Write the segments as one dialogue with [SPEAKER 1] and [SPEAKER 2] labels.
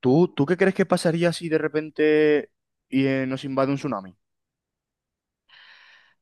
[SPEAKER 1] ¿Tú qué crees que pasaría si de repente y, nos invade un tsunami?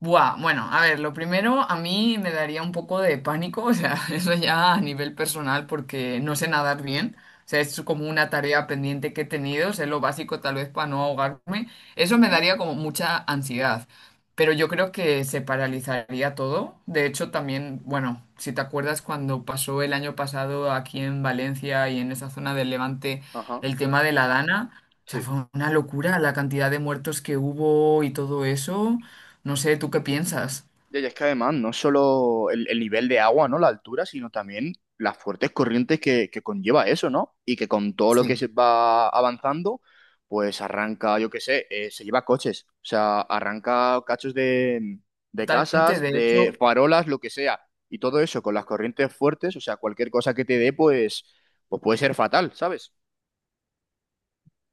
[SPEAKER 2] Buah, bueno, a ver, lo primero a mí me daría un poco de pánico, o sea, eso ya a nivel personal porque no sé nadar bien, o sea, es como una tarea pendiente que he tenido, sé lo básico tal vez para no ahogarme, eso me daría como mucha ansiedad, pero yo creo que se paralizaría todo, de hecho también, bueno, si te acuerdas cuando pasó el año pasado aquí en Valencia y en esa zona del Levante
[SPEAKER 1] Ajá,
[SPEAKER 2] el tema de la Dana, o sea,
[SPEAKER 1] sí.
[SPEAKER 2] fue una locura la cantidad de muertos que hubo y todo eso. No sé, ¿tú qué piensas?
[SPEAKER 1] Ya es que además no es solo el nivel de agua, ¿no? La altura, sino también las fuertes corrientes que conlleva eso, ¿no? Y que con todo lo que
[SPEAKER 2] Sí.
[SPEAKER 1] se va avanzando, pues arranca, yo qué sé, se lleva coches, o sea, arranca cachos de
[SPEAKER 2] Totalmente,
[SPEAKER 1] casas,
[SPEAKER 2] de
[SPEAKER 1] de
[SPEAKER 2] hecho,
[SPEAKER 1] farolas, lo que sea. Y todo eso con las corrientes fuertes, o sea, cualquier cosa que te dé, pues puede ser fatal, ¿sabes?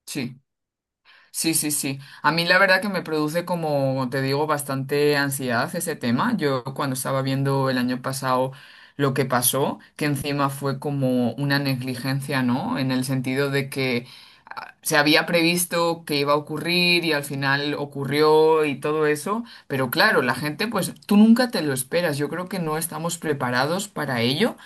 [SPEAKER 2] sí, sí, sí, sí. A mí la verdad que me produce, como te digo, bastante ansiedad ese tema. Yo cuando estaba viendo el año pasado lo que pasó, que encima fue como una negligencia, ¿no? En el
[SPEAKER 1] Ujú.
[SPEAKER 2] sentido de que ah, se había previsto que iba a ocurrir y al final ocurrió y todo eso, pero claro, la gente, pues tú nunca te lo esperas. Yo creo que no estamos preparados para ello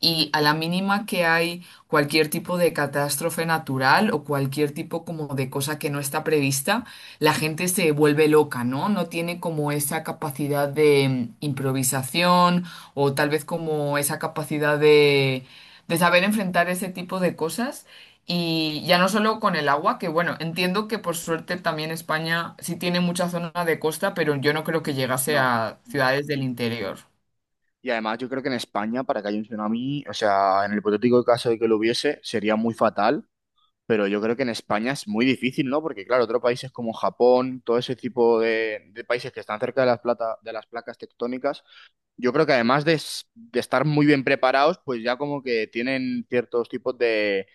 [SPEAKER 2] y a la mínima que hay cualquier tipo de catástrofe natural o cualquier tipo como de cosa que no está prevista, la gente se vuelve loca, ¿no? No tiene como esa capacidad de improvisación o tal vez como esa capacidad de saber enfrentar ese tipo de cosas. Y ya no solo con el agua, que bueno, entiendo que por suerte también España sí tiene mucha zona de costa, pero yo no creo que llegase
[SPEAKER 1] No.
[SPEAKER 2] a ciudades del interior.
[SPEAKER 1] Y además yo creo que en España, para que haya un tsunami, o sea, en el hipotético caso de que lo hubiese, sería muy fatal, pero yo creo que en España es muy difícil, ¿no? Porque claro, otros países como Japón, todo ese tipo de países que están cerca de las plata, de las placas tectónicas, yo creo que además de, de estar muy bien preparados, pues ya como que tienen ciertos tipos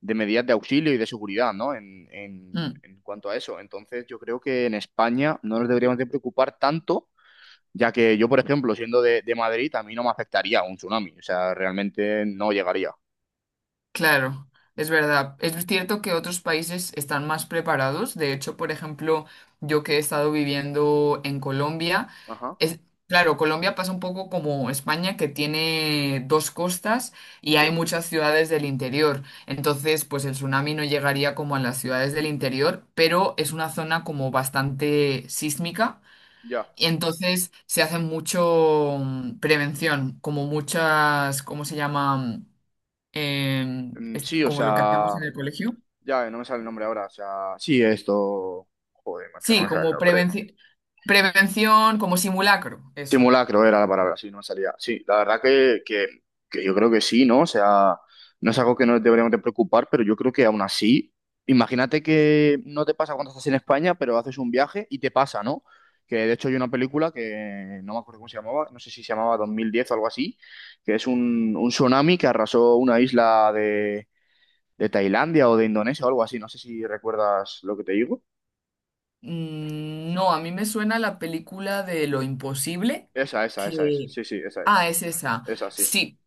[SPEAKER 1] de medidas de auxilio y de seguridad, ¿no? En, en,
[SPEAKER 2] Mm.
[SPEAKER 1] en cuanto a eso. Entonces yo creo que en España no nos deberíamos de preocupar tanto ya que yo, por ejemplo, siendo de Madrid, a mí no me afectaría un tsunami, o sea, realmente no llegaría.
[SPEAKER 2] Claro, es verdad. Es cierto que otros países están más preparados. De hecho, por ejemplo, yo que he estado viviendo en Colombia,
[SPEAKER 1] Ajá,
[SPEAKER 2] es, claro, Colombia pasa un poco como España, que tiene dos costas y hay
[SPEAKER 1] entiendo.
[SPEAKER 2] muchas ciudades del interior. Entonces, pues el tsunami no llegaría como a las ciudades del interior, pero es una zona como bastante sísmica.
[SPEAKER 1] Ya.
[SPEAKER 2] Y entonces se hace mucho prevención, como muchas, ¿cómo se llama?
[SPEAKER 1] Mm.
[SPEAKER 2] Es
[SPEAKER 1] Sí, o
[SPEAKER 2] como lo que hacíamos
[SPEAKER 1] sea,
[SPEAKER 2] en el colegio.
[SPEAKER 1] ya, no me sale el nombre ahora, o sea, sí, esto... Joder, macho, no
[SPEAKER 2] Sí,
[SPEAKER 1] me sale el
[SPEAKER 2] como
[SPEAKER 1] nombre.
[SPEAKER 2] prevención, como simulacro, eso.
[SPEAKER 1] Simulacro era la palabra, sí, no me salía. Sí, la verdad que yo creo que sí, ¿no? O sea, no es algo que nos deberíamos de preocupar, pero yo creo que aún así, imagínate que no te pasa cuando estás en España, pero haces un viaje y te pasa, ¿no? Que de hecho hay una película que no me acuerdo cómo se llamaba, no sé si se llamaba 2010 o algo así, que es un tsunami que arrasó una isla de Tailandia o de Indonesia o algo así, no sé si recuerdas lo que te digo.
[SPEAKER 2] Mm, no, a mí me suena la película de Lo Imposible,
[SPEAKER 1] Esa es,
[SPEAKER 2] que...
[SPEAKER 1] sí, sí, esa es,
[SPEAKER 2] Ah, es esa.
[SPEAKER 1] esa sí,
[SPEAKER 2] Sí,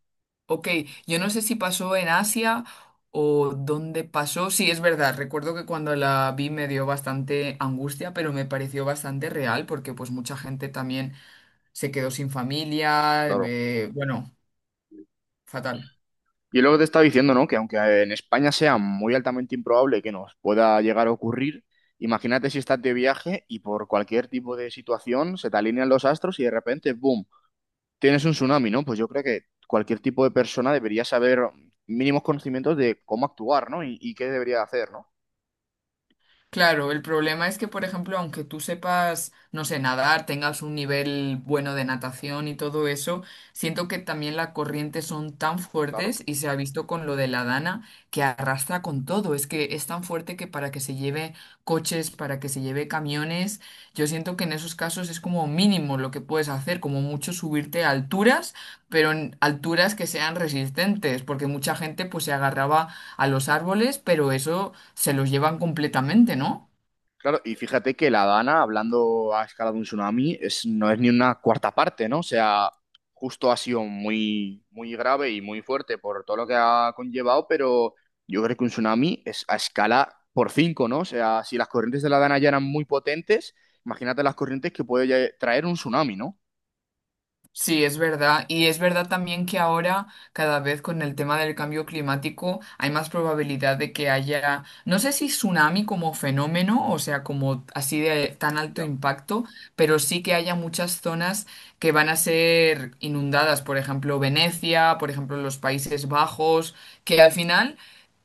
[SPEAKER 2] ok. Yo no sé si pasó en Asia o dónde pasó. Sí, es verdad. Recuerdo que cuando la vi me dio bastante angustia, pero me pareció bastante real porque pues mucha gente también se quedó sin familia.
[SPEAKER 1] claro.
[SPEAKER 2] Bueno, fatal.
[SPEAKER 1] Y es lo que te estaba diciendo, ¿no? Que aunque en España sea muy altamente improbable que nos pueda llegar a ocurrir, imagínate si estás de viaje y por cualquier tipo de situación se te alinean los astros y de repente, ¡boom!, tienes un tsunami, ¿no? Pues yo creo que cualquier tipo de persona debería saber mínimos conocimientos de cómo actuar, ¿no? Y qué debería hacer, ¿no?
[SPEAKER 2] Claro, el problema es que, por ejemplo, aunque tú sepas, no sé, nadar, tengas un nivel bueno de natación y todo eso, siento que también las corrientes son tan
[SPEAKER 1] Claro.
[SPEAKER 2] fuertes y se ha visto con lo de la Dana que arrastra con todo. Es que es tan fuerte que para que se lleve coches, para que se lleve camiones, yo siento que en esos casos es como mínimo lo que puedes hacer, como mucho subirte a alturas, pero en alturas que sean resistentes, porque mucha gente pues se agarraba a los árboles, pero eso se los llevan completamente, ¿no?
[SPEAKER 1] Claro, y fíjate que la Dana, hablando a escala de un tsunami, es, no es ni una cuarta parte, ¿no? O sea, justo ha sido muy, muy grave y muy fuerte por todo lo que ha conllevado, pero yo creo que un tsunami es a escala por cinco, ¿no? O sea, si las corrientes de la Dana ya eran muy potentes, imagínate las corrientes que puede ya traer un tsunami, ¿no?
[SPEAKER 2] Sí, es verdad. Y es verdad también que ahora, cada vez con el tema del cambio climático, hay más probabilidad de que haya, no sé si tsunami como fenómeno, o sea, como así de tan alto
[SPEAKER 1] Ya.
[SPEAKER 2] impacto, pero sí que haya muchas zonas que van a ser inundadas, por ejemplo, Venecia, por ejemplo, los Países Bajos, que al final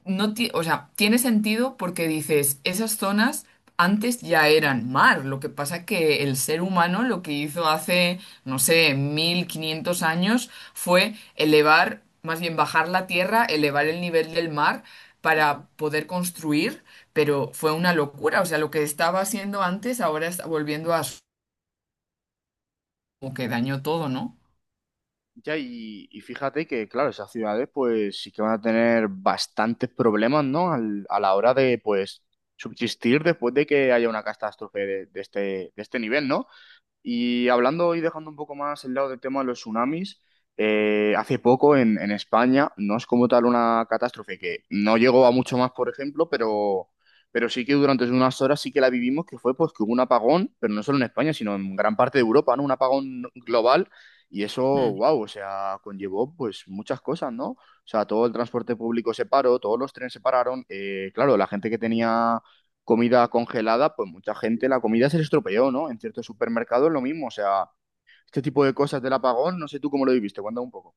[SPEAKER 2] no ti- o sea, tiene sentido porque dices, esas zonas antes ya eran mar, lo que pasa que el ser humano lo que hizo hace, no sé, 1500 años fue elevar, más bien bajar la tierra, elevar el nivel del mar para
[SPEAKER 1] Ujú.
[SPEAKER 2] poder construir, pero fue una locura, o sea, lo que estaba haciendo antes ahora está volviendo a su, como que dañó todo, ¿no?
[SPEAKER 1] Ya, y fíjate que, claro, esas ciudades pues sí que van a tener bastantes problemas, ¿no? A la hora de, pues, subsistir después de que haya una catástrofe de este nivel, ¿no? Y hablando y dejando un poco más el lado del tema de los tsunamis, hace poco en España no es como tal una catástrofe que no llegó a mucho más, por ejemplo, pero sí que durante unas horas sí que la vivimos, que fue pues que hubo un apagón, pero no solo en España, sino en gran parte de Europa, ¿no? Un apagón global y eso, wow, o sea, conllevó pues muchas cosas, ¿no? O sea, todo el transporte público se paró, todos los trenes se pararon, claro, la gente que tenía comida congelada, pues mucha gente la comida se le estropeó, ¿no? En ciertos supermercados lo mismo, o sea, este tipo de cosas del apagón, no sé tú cómo lo viviste, cuéntame un poco.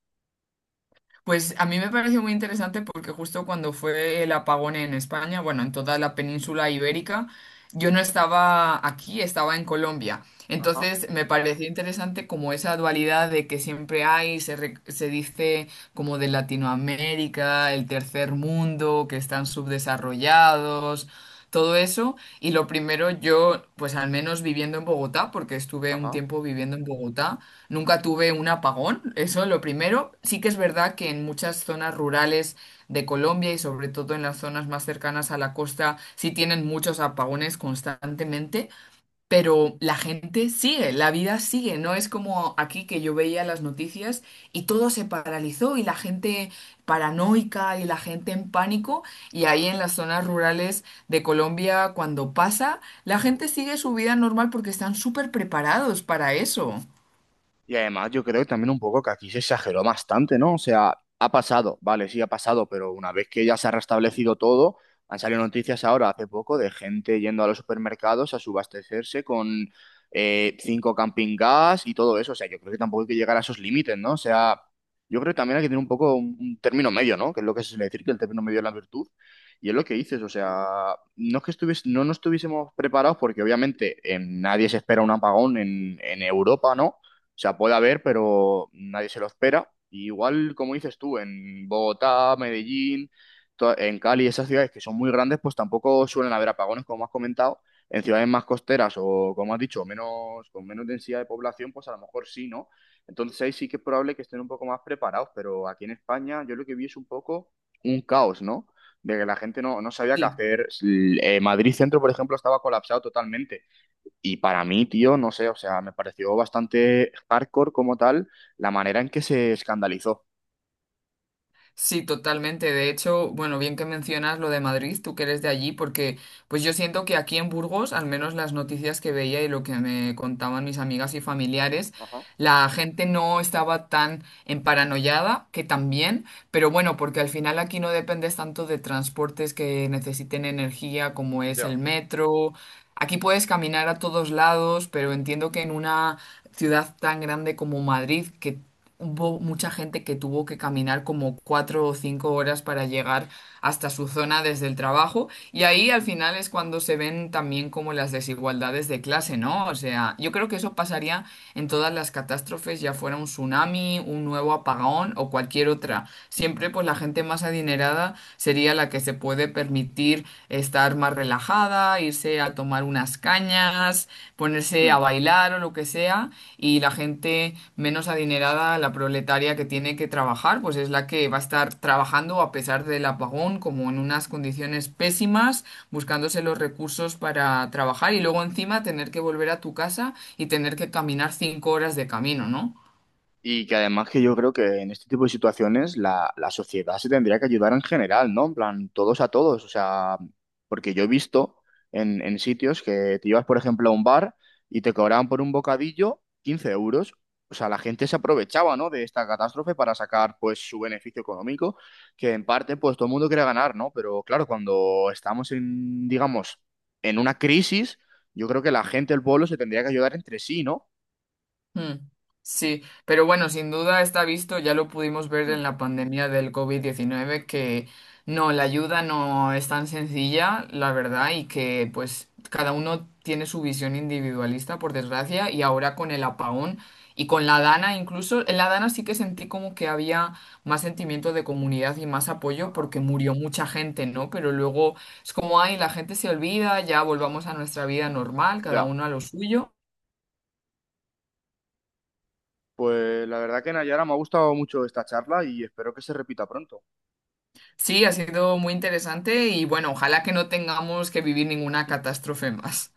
[SPEAKER 2] Pues a mí me pareció muy interesante porque justo cuando fue el apagón en España, bueno, en toda la península ibérica, yo no estaba aquí, estaba en Colombia.
[SPEAKER 1] Ajá,
[SPEAKER 2] Entonces me pareció interesante como esa dualidad de que siempre hay, se, se dice como de Latinoamérica, el tercer mundo, que están subdesarrollados, todo eso. Y lo primero, yo, pues al menos viviendo en Bogotá, porque estuve un
[SPEAKER 1] ajá.
[SPEAKER 2] tiempo viviendo en Bogotá, nunca tuve un apagón, eso es lo primero. Sí que es verdad que en muchas zonas rurales de Colombia y sobre todo en las zonas más cercanas a la costa, sí tienen muchos apagones constantemente. Pero la gente sigue, la vida sigue, no es como aquí que yo veía las noticias y todo se paralizó y la gente paranoica y la gente en pánico y ahí en las zonas rurales de Colombia cuando pasa, la gente sigue su vida normal porque están súper preparados para eso.
[SPEAKER 1] Y además yo creo que también un poco que aquí se exageró bastante, ¿no? O sea, ha pasado, vale, sí ha pasado, pero una vez que ya se ha restablecido todo, han salido noticias ahora hace poco de gente yendo a los supermercados a subastecerse con cinco camping gas y todo eso. O sea, yo creo que tampoco hay que llegar a esos límites, ¿no? O sea, yo creo que también hay que tener un poco un término medio, ¿no? Que es lo que se suele decir, que el término medio es la virtud. Y es lo que dices, o sea, no nos estuviésemos preparados porque obviamente nadie se espera un apagón en Europa, ¿no? O sea, puede haber, pero nadie se lo espera. Y igual, como dices tú, en Bogotá, Medellín, en Cali, esas ciudades que son muy grandes, pues tampoco suelen haber apagones, como has comentado. En ciudades más costeras o, como has dicho, menos, con menos densidad de población, pues a lo mejor sí, ¿no? Entonces ahí sí que es probable que estén un poco más preparados, pero aquí en España yo lo que vi es un poco un caos, ¿no? De que la gente no sabía qué
[SPEAKER 2] Sí.
[SPEAKER 1] hacer. S- Madrid Centro, por ejemplo, estaba colapsado totalmente. Y para mí, tío, no sé, o sea, me pareció bastante hardcore como tal la manera en que se escandalizó.
[SPEAKER 2] Sí, totalmente. De hecho, bueno, bien que mencionas lo de Madrid, tú que eres de allí, porque pues yo siento que aquí en Burgos, al menos las noticias que veía y lo que me contaban mis amigas y familiares,
[SPEAKER 1] Ajá,
[SPEAKER 2] la gente no estaba tan emparanoiada, que también, pero bueno, porque al final aquí no dependes tanto de transportes que necesiten energía como es
[SPEAKER 1] ya.
[SPEAKER 2] el metro. Aquí puedes caminar a todos lados, pero entiendo que en una ciudad tan grande como Madrid, que hubo mucha gente que tuvo que caminar como 4 o 5 horas para llegar hasta su zona desde el trabajo. Y ahí al final es cuando se ven también como las desigualdades de clase, ¿no? O sea, yo creo que eso pasaría en todas las catástrofes, ya fuera un tsunami, un nuevo apagón o cualquier otra. Siempre pues la gente más adinerada sería la que se puede permitir estar más relajada, irse a tomar unas cañas, ponerse
[SPEAKER 1] Mm.
[SPEAKER 2] a bailar o lo que sea, y la gente menos adinerada, la proletaria que tiene que trabajar, pues es la que va a estar trabajando a pesar del apagón, como en unas condiciones pésimas, buscándose los recursos para trabajar y luego encima tener que volver a tu casa y tener que caminar 5 horas de camino, ¿no?
[SPEAKER 1] Y que además que yo creo que en este tipo de situaciones la sociedad se tendría que ayudar en general, ¿no? En plan, todos a todos. O sea, porque yo he visto en sitios que te ibas, por ejemplo, a un bar y te cobraban por un bocadillo 15 euros. O sea, la gente se aprovechaba, ¿no? De esta catástrofe para sacar, pues, su beneficio económico, que en parte, pues, todo el mundo quiere ganar, ¿no? Pero claro, cuando estamos en, digamos, en una crisis, yo creo que la gente, el pueblo, se tendría que ayudar entre sí, ¿no?
[SPEAKER 2] Mm, sí, pero bueno, sin duda está visto, ya lo pudimos ver
[SPEAKER 1] Mm,
[SPEAKER 2] en la pandemia del COVID-19 que no, la ayuda no es tan sencilla, la verdad, y que pues cada uno tiene su visión individualista, por desgracia, y ahora con el apagón y con la Dana incluso, en la Dana sí que sentí como que había más sentimiento de comunidad y más apoyo
[SPEAKER 1] ajá.
[SPEAKER 2] porque murió mucha gente, ¿no? Pero luego es como, ay, la gente se olvida, ya volvamos a nuestra vida normal, cada
[SPEAKER 1] Ya.
[SPEAKER 2] uno a lo suyo.
[SPEAKER 1] Pues la verdad que Nayara me ha gustado mucho esta charla y espero que se repita pronto.
[SPEAKER 2] Sí, ha sido muy interesante y bueno, ojalá que no tengamos que vivir ninguna catástrofe más.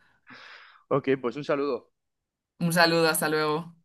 [SPEAKER 1] Ok, pues un saludo.
[SPEAKER 2] Un saludo, hasta luego.